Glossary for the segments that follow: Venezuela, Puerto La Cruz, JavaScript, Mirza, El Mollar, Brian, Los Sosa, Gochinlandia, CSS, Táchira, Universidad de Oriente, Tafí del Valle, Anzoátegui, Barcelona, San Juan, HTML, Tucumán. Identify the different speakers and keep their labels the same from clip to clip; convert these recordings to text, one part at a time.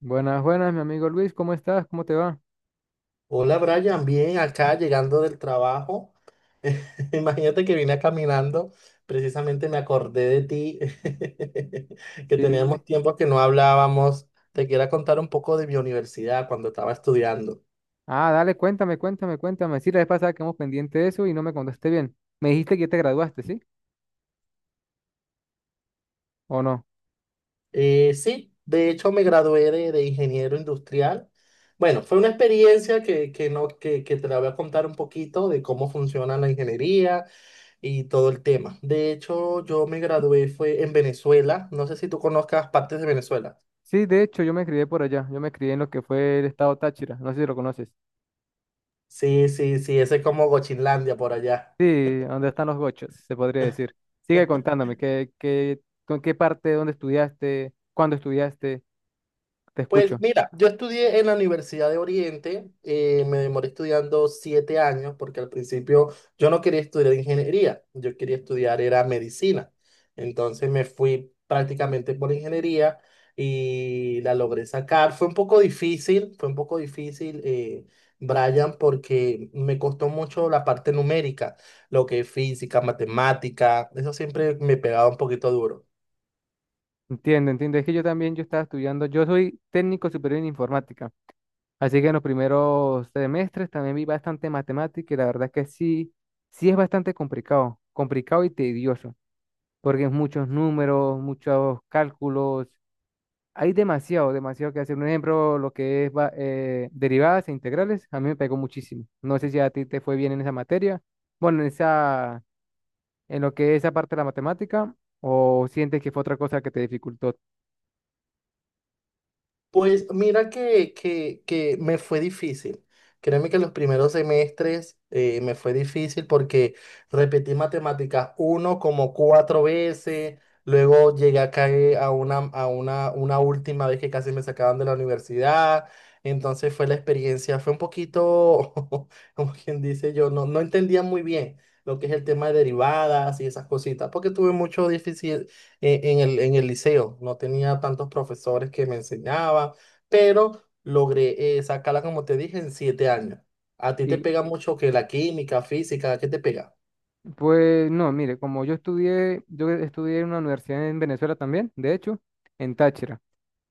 Speaker 1: Buenas, buenas, mi amigo Luis, ¿cómo estás? ¿Cómo te va?
Speaker 2: Hola Brian, bien acá llegando del trabajo. Imagínate que vine caminando, precisamente me acordé de ti, que
Speaker 1: Sí, dime.
Speaker 2: teníamos tiempo que no hablábamos. Te quiero contar un poco de mi universidad cuando estaba estudiando.
Speaker 1: Ah, dale, cuéntame, cuéntame, cuéntame. Sí, la vez pasada quedamos pendiente de eso y no me contaste bien. Me dijiste que ya te graduaste, ¿sí? ¿O no?
Speaker 2: Sí, de hecho me gradué de ingeniero industrial. Bueno, fue una experiencia que, no, que te la voy a contar un poquito de cómo funciona la ingeniería y todo el tema. De hecho, yo me gradué fue en Venezuela. ¿No sé si tú conozcas partes de Venezuela?
Speaker 1: Sí, de hecho, yo me crié por allá. Yo me crié en lo que fue el estado Táchira. No sé si lo conoces.
Speaker 2: Sí, sí, sí, ese es como Gochinlandia por allá.
Speaker 1: Sí, donde están los gochos, se podría decir. Sigue contándome, con qué parte, dónde estudiaste, cuándo estudiaste? Te
Speaker 2: Pues
Speaker 1: escucho.
Speaker 2: mira, yo estudié en la Universidad de Oriente, me demoré estudiando 7 años porque al principio yo no quería estudiar ingeniería, yo quería estudiar era medicina. Entonces me fui prácticamente por ingeniería y la logré sacar. Fue un poco difícil, fue un poco difícil, Brian, porque me costó mucho la parte numérica, lo que es física, matemática, eso siempre me pegaba un poquito duro.
Speaker 1: Entiendo, entiendo. Es que yo también, yo estaba estudiando, yo soy técnico superior en informática. Así que en los primeros semestres también vi bastante matemática y la verdad es que sí, sí es bastante complicado, complicado y tedioso, porque es muchos números, muchos cálculos, hay demasiado, demasiado que hacer. Un ejemplo, lo que es derivadas e integrales, a mí me pegó muchísimo. No sé si a ti te fue bien en esa materia, bueno, en esa, en lo que es esa parte de la matemática, o sientes que fue otra cosa que te dificultó.
Speaker 2: Pues mira que me fue difícil. Créeme que los primeros semestres me fue difícil porque repetí matemáticas uno como 4 veces, luego llegué a caer a una, a una última vez que casi me sacaban de la universidad. Entonces fue la experiencia, fue un poquito, como quien dice yo, no entendía muy bien lo que es el tema de derivadas y esas cositas, porque tuve mucho difícil, en el liceo. No tenía tantos profesores que me enseñaban, pero logré sacarla, como te dije, en 7 años. ¿A ti te
Speaker 1: Y
Speaker 2: pega mucho que la química, física, qué te pega?
Speaker 1: Pues no, mire, como yo estudié en una universidad en Venezuela también, de hecho, en Táchira.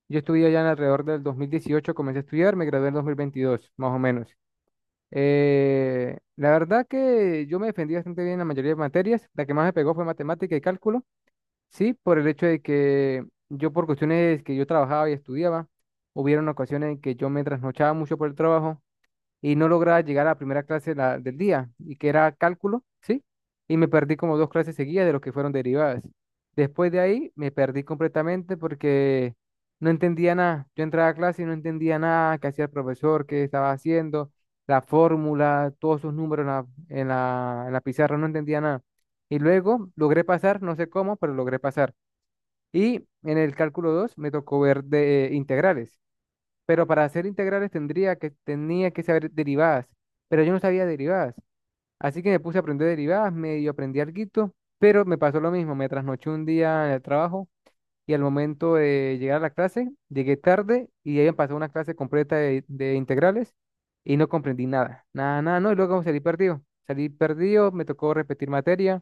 Speaker 1: Yo estudié allá en alrededor del 2018 comencé a estudiar, me gradué en 2022, más o menos. La verdad que yo me defendí bastante bien en la mayoría de materias, la que más me pegó fue matemática y cálculo, sí, por el hecho de que yo por cuestiones que yo trabajaba y estudiaba, hubieron ocasiones en que yo me trasnochaba mucho por el trabajo y no lograba llegar a la primera clase del día, y que era cálculo, ¿sí? Y me perdí como 2 clases seguidas de lo que fueron derivadas. Después de ahí me perdí completamente porque no entendía nada. Yo entraba a clase y no entendía nada, qué hacía el profesor, qué estaba haciendo, la fórmula, todos sus números en la pizarra, no entendía nada. Y luego logré pasar, no sé cómo, pero logré pasar. Y en el cálculo 2 me tocó ver de integrales, pero para hacer integrales tenía que saber derivadas, pero yo no sabía derivadas. Así que me puse a aprender derivadas, medio aprendí alguito, pero me pasó lo mismo, me trasnoché un día en el trabajo y al momento de llegar a la clase, llegué tarde y ahí me pasó una clase completa de integrales y no comprendí nada, nada, nada, no, y luego salí perdido, me tocó repetir materia,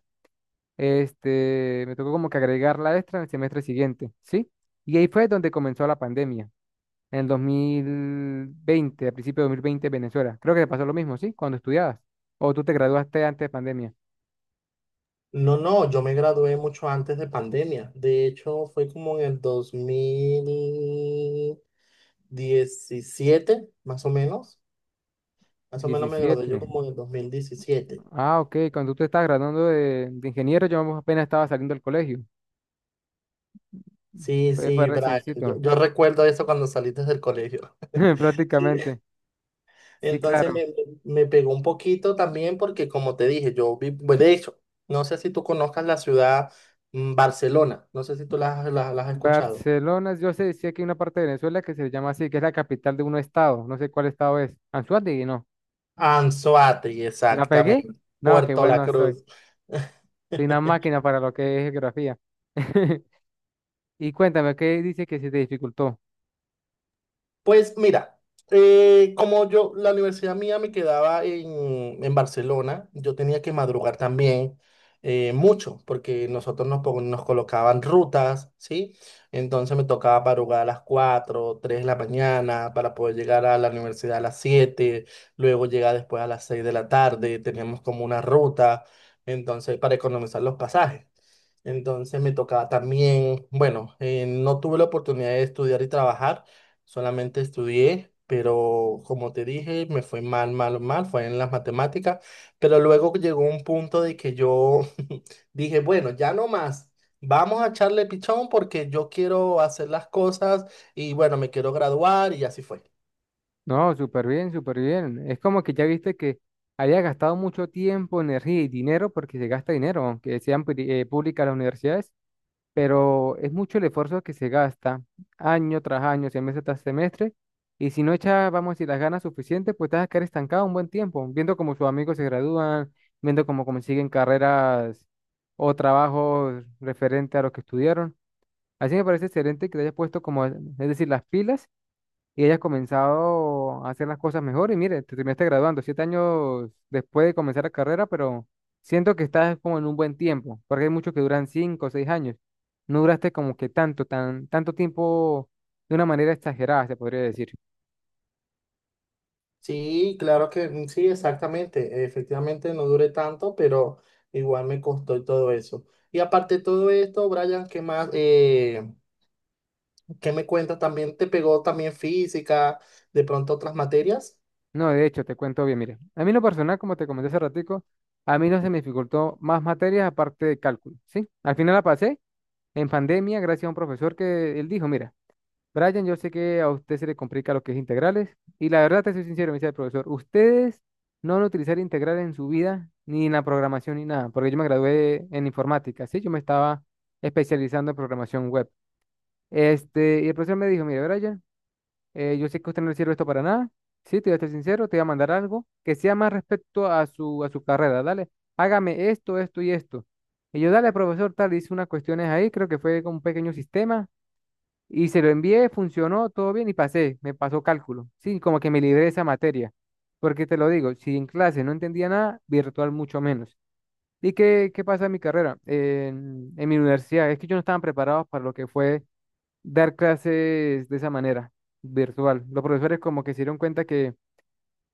Speaker 1: me tocó como que agregar la extra en el semestre siguiente, ¿sí? Y ahí fue donde comenzó la pandemia. En el 2020, a principios de 2020, Venezuela. Creo que te pasó lo mismo, ¿sí? Cuando estudiabas. O tú te graduaste antes de pandemia.
Speaker 2: No, no, yo me gradué mucho antes de pandemia. De hecho, fue como en el 2017 más o menos. Más o menos me gradué yo
Speaker 1: 17.
Speaker 2: como en el dos mil diecisiete.
Speaker 1: Ah, ok. Cuando tú te estabas graduando de ingeniero, yo apenas estaba saliendo del colegio.
Speaker 2: Sí,
Speaker 1: Fue
Speaker 2: sí, Brian. Yo,
Speaker 1: reciencito,
Speaker 2: yo recuerdo eso cuando saliste del colegio.
Speaker 1: prácticamente. Sí,
Speaker 2: Entonces
Speaker 1: claro.
Speaker 2: le- Me pegó un poquito también porque, como te dije, yo vi, bueno, de hecho, no sé si tú conozcas la ciudad Barcelona, no sé si tú la has escuchado.
Speaker 1: Barcelona, yo sé, sí que hay una parte de Venezuela que se llama así, que es la capital de un estado. No sé cuál estado es. Anzoátegui, no.
Speaker 2: Anzoátegui,
Speaker 1: ¿La pegué?
Speaker 2: exactamente.
Speaker 1: No, qué
Speaker 2: Puerto La
Speaker 1: bueno soy.
Speaker 2: Cruz.
Speaker 1: Soy una máquina para lo que es geografía. Y cuéntame, ¿qué dice que se te dificultó?
Speaker 2: Pues mira, como yo, la universidad mía me quedaba en Barcelona, yo tenía que madrugar también mucho, porque nosotros nos colocaban rutas, ¿sí? Entonces me tocaba madrugar a las 4, 3 de la mañana para poder llegar a la universidad a las 7. Luego llegar después a las 6 de la tarde, teníamos como una ruta, entonces para economizar los pasajes. Entonces me tocaba también, bueno, no tuve la oportunidad de estudiar y trabajar. Solamente estudié, pero como te dije, me fue mal, mal, mal, fue en las matemáticas, pero luego llegó un punto de que yo dije, bueno, ya no más, vamos a echarle pichón porque yo quiero hacer las cosas y bueno, me quiero graduar y así fue.
Speaker 1: No, súper bien, súper bien. Es como que ya viste que había gastado mucho tiempo, energía y dinero, porque se gasta dinero, aunque sean públicas las universidades, pero es mucho el esfuerzo que se gasta año tras año, semestre tras semestre, y si no echas, vamos a decir, las ganas suficientes, pues te vas a quedar estancado un buen tiempo, viendo cómo sus amigos se gradúan, viendo cómo consiguen carreras o trabajos referente a lo que estudiaron. Así me parece excelente que te hayas puesto como, es decir, las pilas y hayas comenzado a hacer las cosas mejor. Y mire, te terminaste graduando 7 años después de comenzar la carrera, pero siento que estás como en un buen tiempo, porque hay muchos que duran 5 o 6 años. No duraste como que tanto, tanto tiempo de una manera exagerada, se podría decir.
Speaker 2: Sí, claro que mm, sí, exactamente, efectivamente no duré tanto, pero igual me costó y todo eso. Y aparte de todo esto, Brian, ¿qué más? ¿Qué me cuentas? ¿También te pegó también física, de pronto otras materias?
Speaker 1: No, de hecho, te cuento bien, mire. A mí en lo personal, como te comenté hace ratico, a mí no se me dificultó más materias aparte de cálculo, ¿sí? Al final la pasé en pandemia gracias a un profesor que él dijo, mira, Brian, yo sé que a usted se le complica lo que es integrales y la verdad te soy sincero, me dice el profesor, ustedes no van a utilizar integrales en su vida, ni en la programación, ni nada, porque yo me gradué en informática, ¿sí? Yo me estaba especializando en programación web. Y el profesor me dijo, mire, Brian, yo sé que usted no le sirve esto para nada, sí, te voy a ser sincero, te voy a mandar algo que sea más respecto a su carrera, dale, hágame esto, esto y esto. Y yo, dale, profesor, tal, hice unas cuestiones ahí, creo que fue como un pequeño sistema y se lo envié, funcionó, todo bien y pasé, me pasó cálculo. Sí, como que me libré de esa materia. Porque te lo digo, si en clase no entendía nada, virtual mucho menos. ¿Y qué pasa en mi carrera? En mi universidad, es que yo no estaban preparados para lo que fue dar clases de esa manera, virtual. Los profesores como que se dieron cuenta que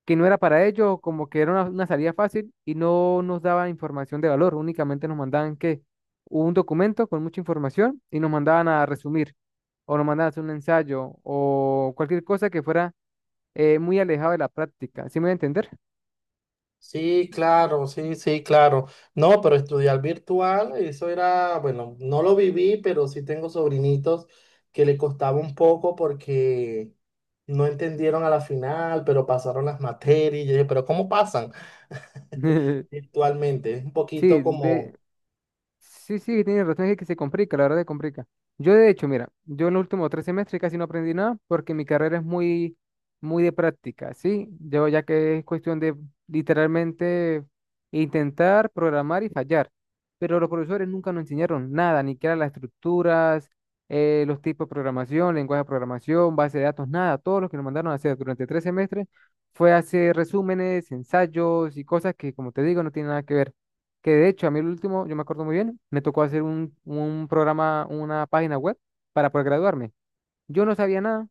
Speaker 1: que no era para ellos, como que era una salida fácil y no nos daban información de valor, únicamente nos mandaban que un documento con mucha información y nos mandaban a resumir o nos mandaban a hacer un ensayo o cualquier cosa que fuera muy alejado de la práctica. ¿Sí me voy a entender?
Speaker 2: Sí, claro, sí, sí, claro. No, pero estudiar virtual, eso era, bueno, no lo viví, pero sí tengo sobrinitos que le costaba un poco porque no entendieron a la final, pero pasaron las materias. Y yo dije, pero ¿cómo pasan virtualmente? Es un poquito
Speaker 1: Sí.
Speaker 2: como,
Speaker 1: Sí, sí, tienes razón, es que se complica, la verdad se complica. Yo de hecho, mira, yo en los últimos 3 semestres casi no aprendí nada porque mi carrera es muy, muy de práctica, ¿sí? Yo ya que es cuestión de literalmente intentar programar y fallar, pero los profesores nunca nos enseñaron nada, ni qué eran las estructuras, los tipos de programación, lenguaje de programación, base de datos, nada. Todo lo que nos mandaron a hacer durante 3 semestres fue hacer resúmenes, ensayos y cosas que, como te digo, no tienen nada que ver. Que de hecho, a mí el último, yo me acuerdo muy bien, me tocó hacer un programa, una página web para poder graduarme. Yo no sabía nada,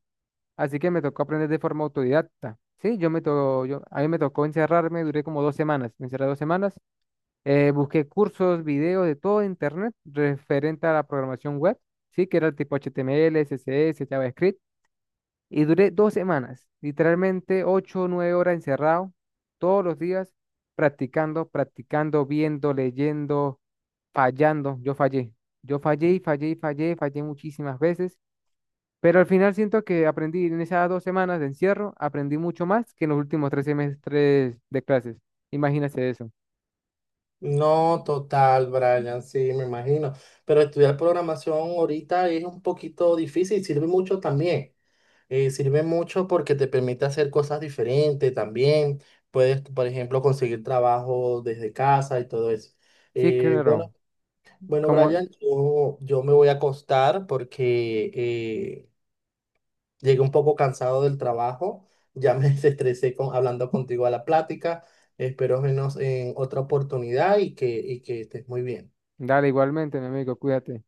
Speaker 1: así que me tocó aprender de forma autodidacta. Sí, yo me to yo, a mí me tocó encerrarme, duré como 2 semanas, me encerré 2 semanas, busqué cursos, videos de todo internet referente a la programación web, sí, que era el tipo HTML, CSS, JavaScript. Y duré 2 semanas, literalmente 8 o 9 horas encerrado, todos los días, practicando, practicando, viendo, leyendo, fallando. Yo fallé. Yo fallé y fallé y fallé, fallé muchísimas veces. Pero al final siento que aprendí en esas 2 semanas de encierro, aprendí mucho más que en los últimos 3 semestres de clases. Imagínate eso.
Speaker 2: no, total, Brian, sí, me imagino. Pero estudiar programación ahorita es un poquito difícil, sirve mucho también. Sirve mucho porque te permite hacer cosas diferentes también. Puedes, por ejemplo, conseguir trabajo desde casa y todo eso.
Speaker 1: Sí, claro.
Speaker 2: Bueno, bueno,
Speaker 1: Como,
Speaker 2: Brian, yo me voy a acostar porque llegué un poco cansado del trabajo. Ya me desestresé con, hablando contigo a la plática. Espero vernos en otra oportunidad y que estés muy bien.
Speaker 1: dale igualmente, mi amigo, cuídate.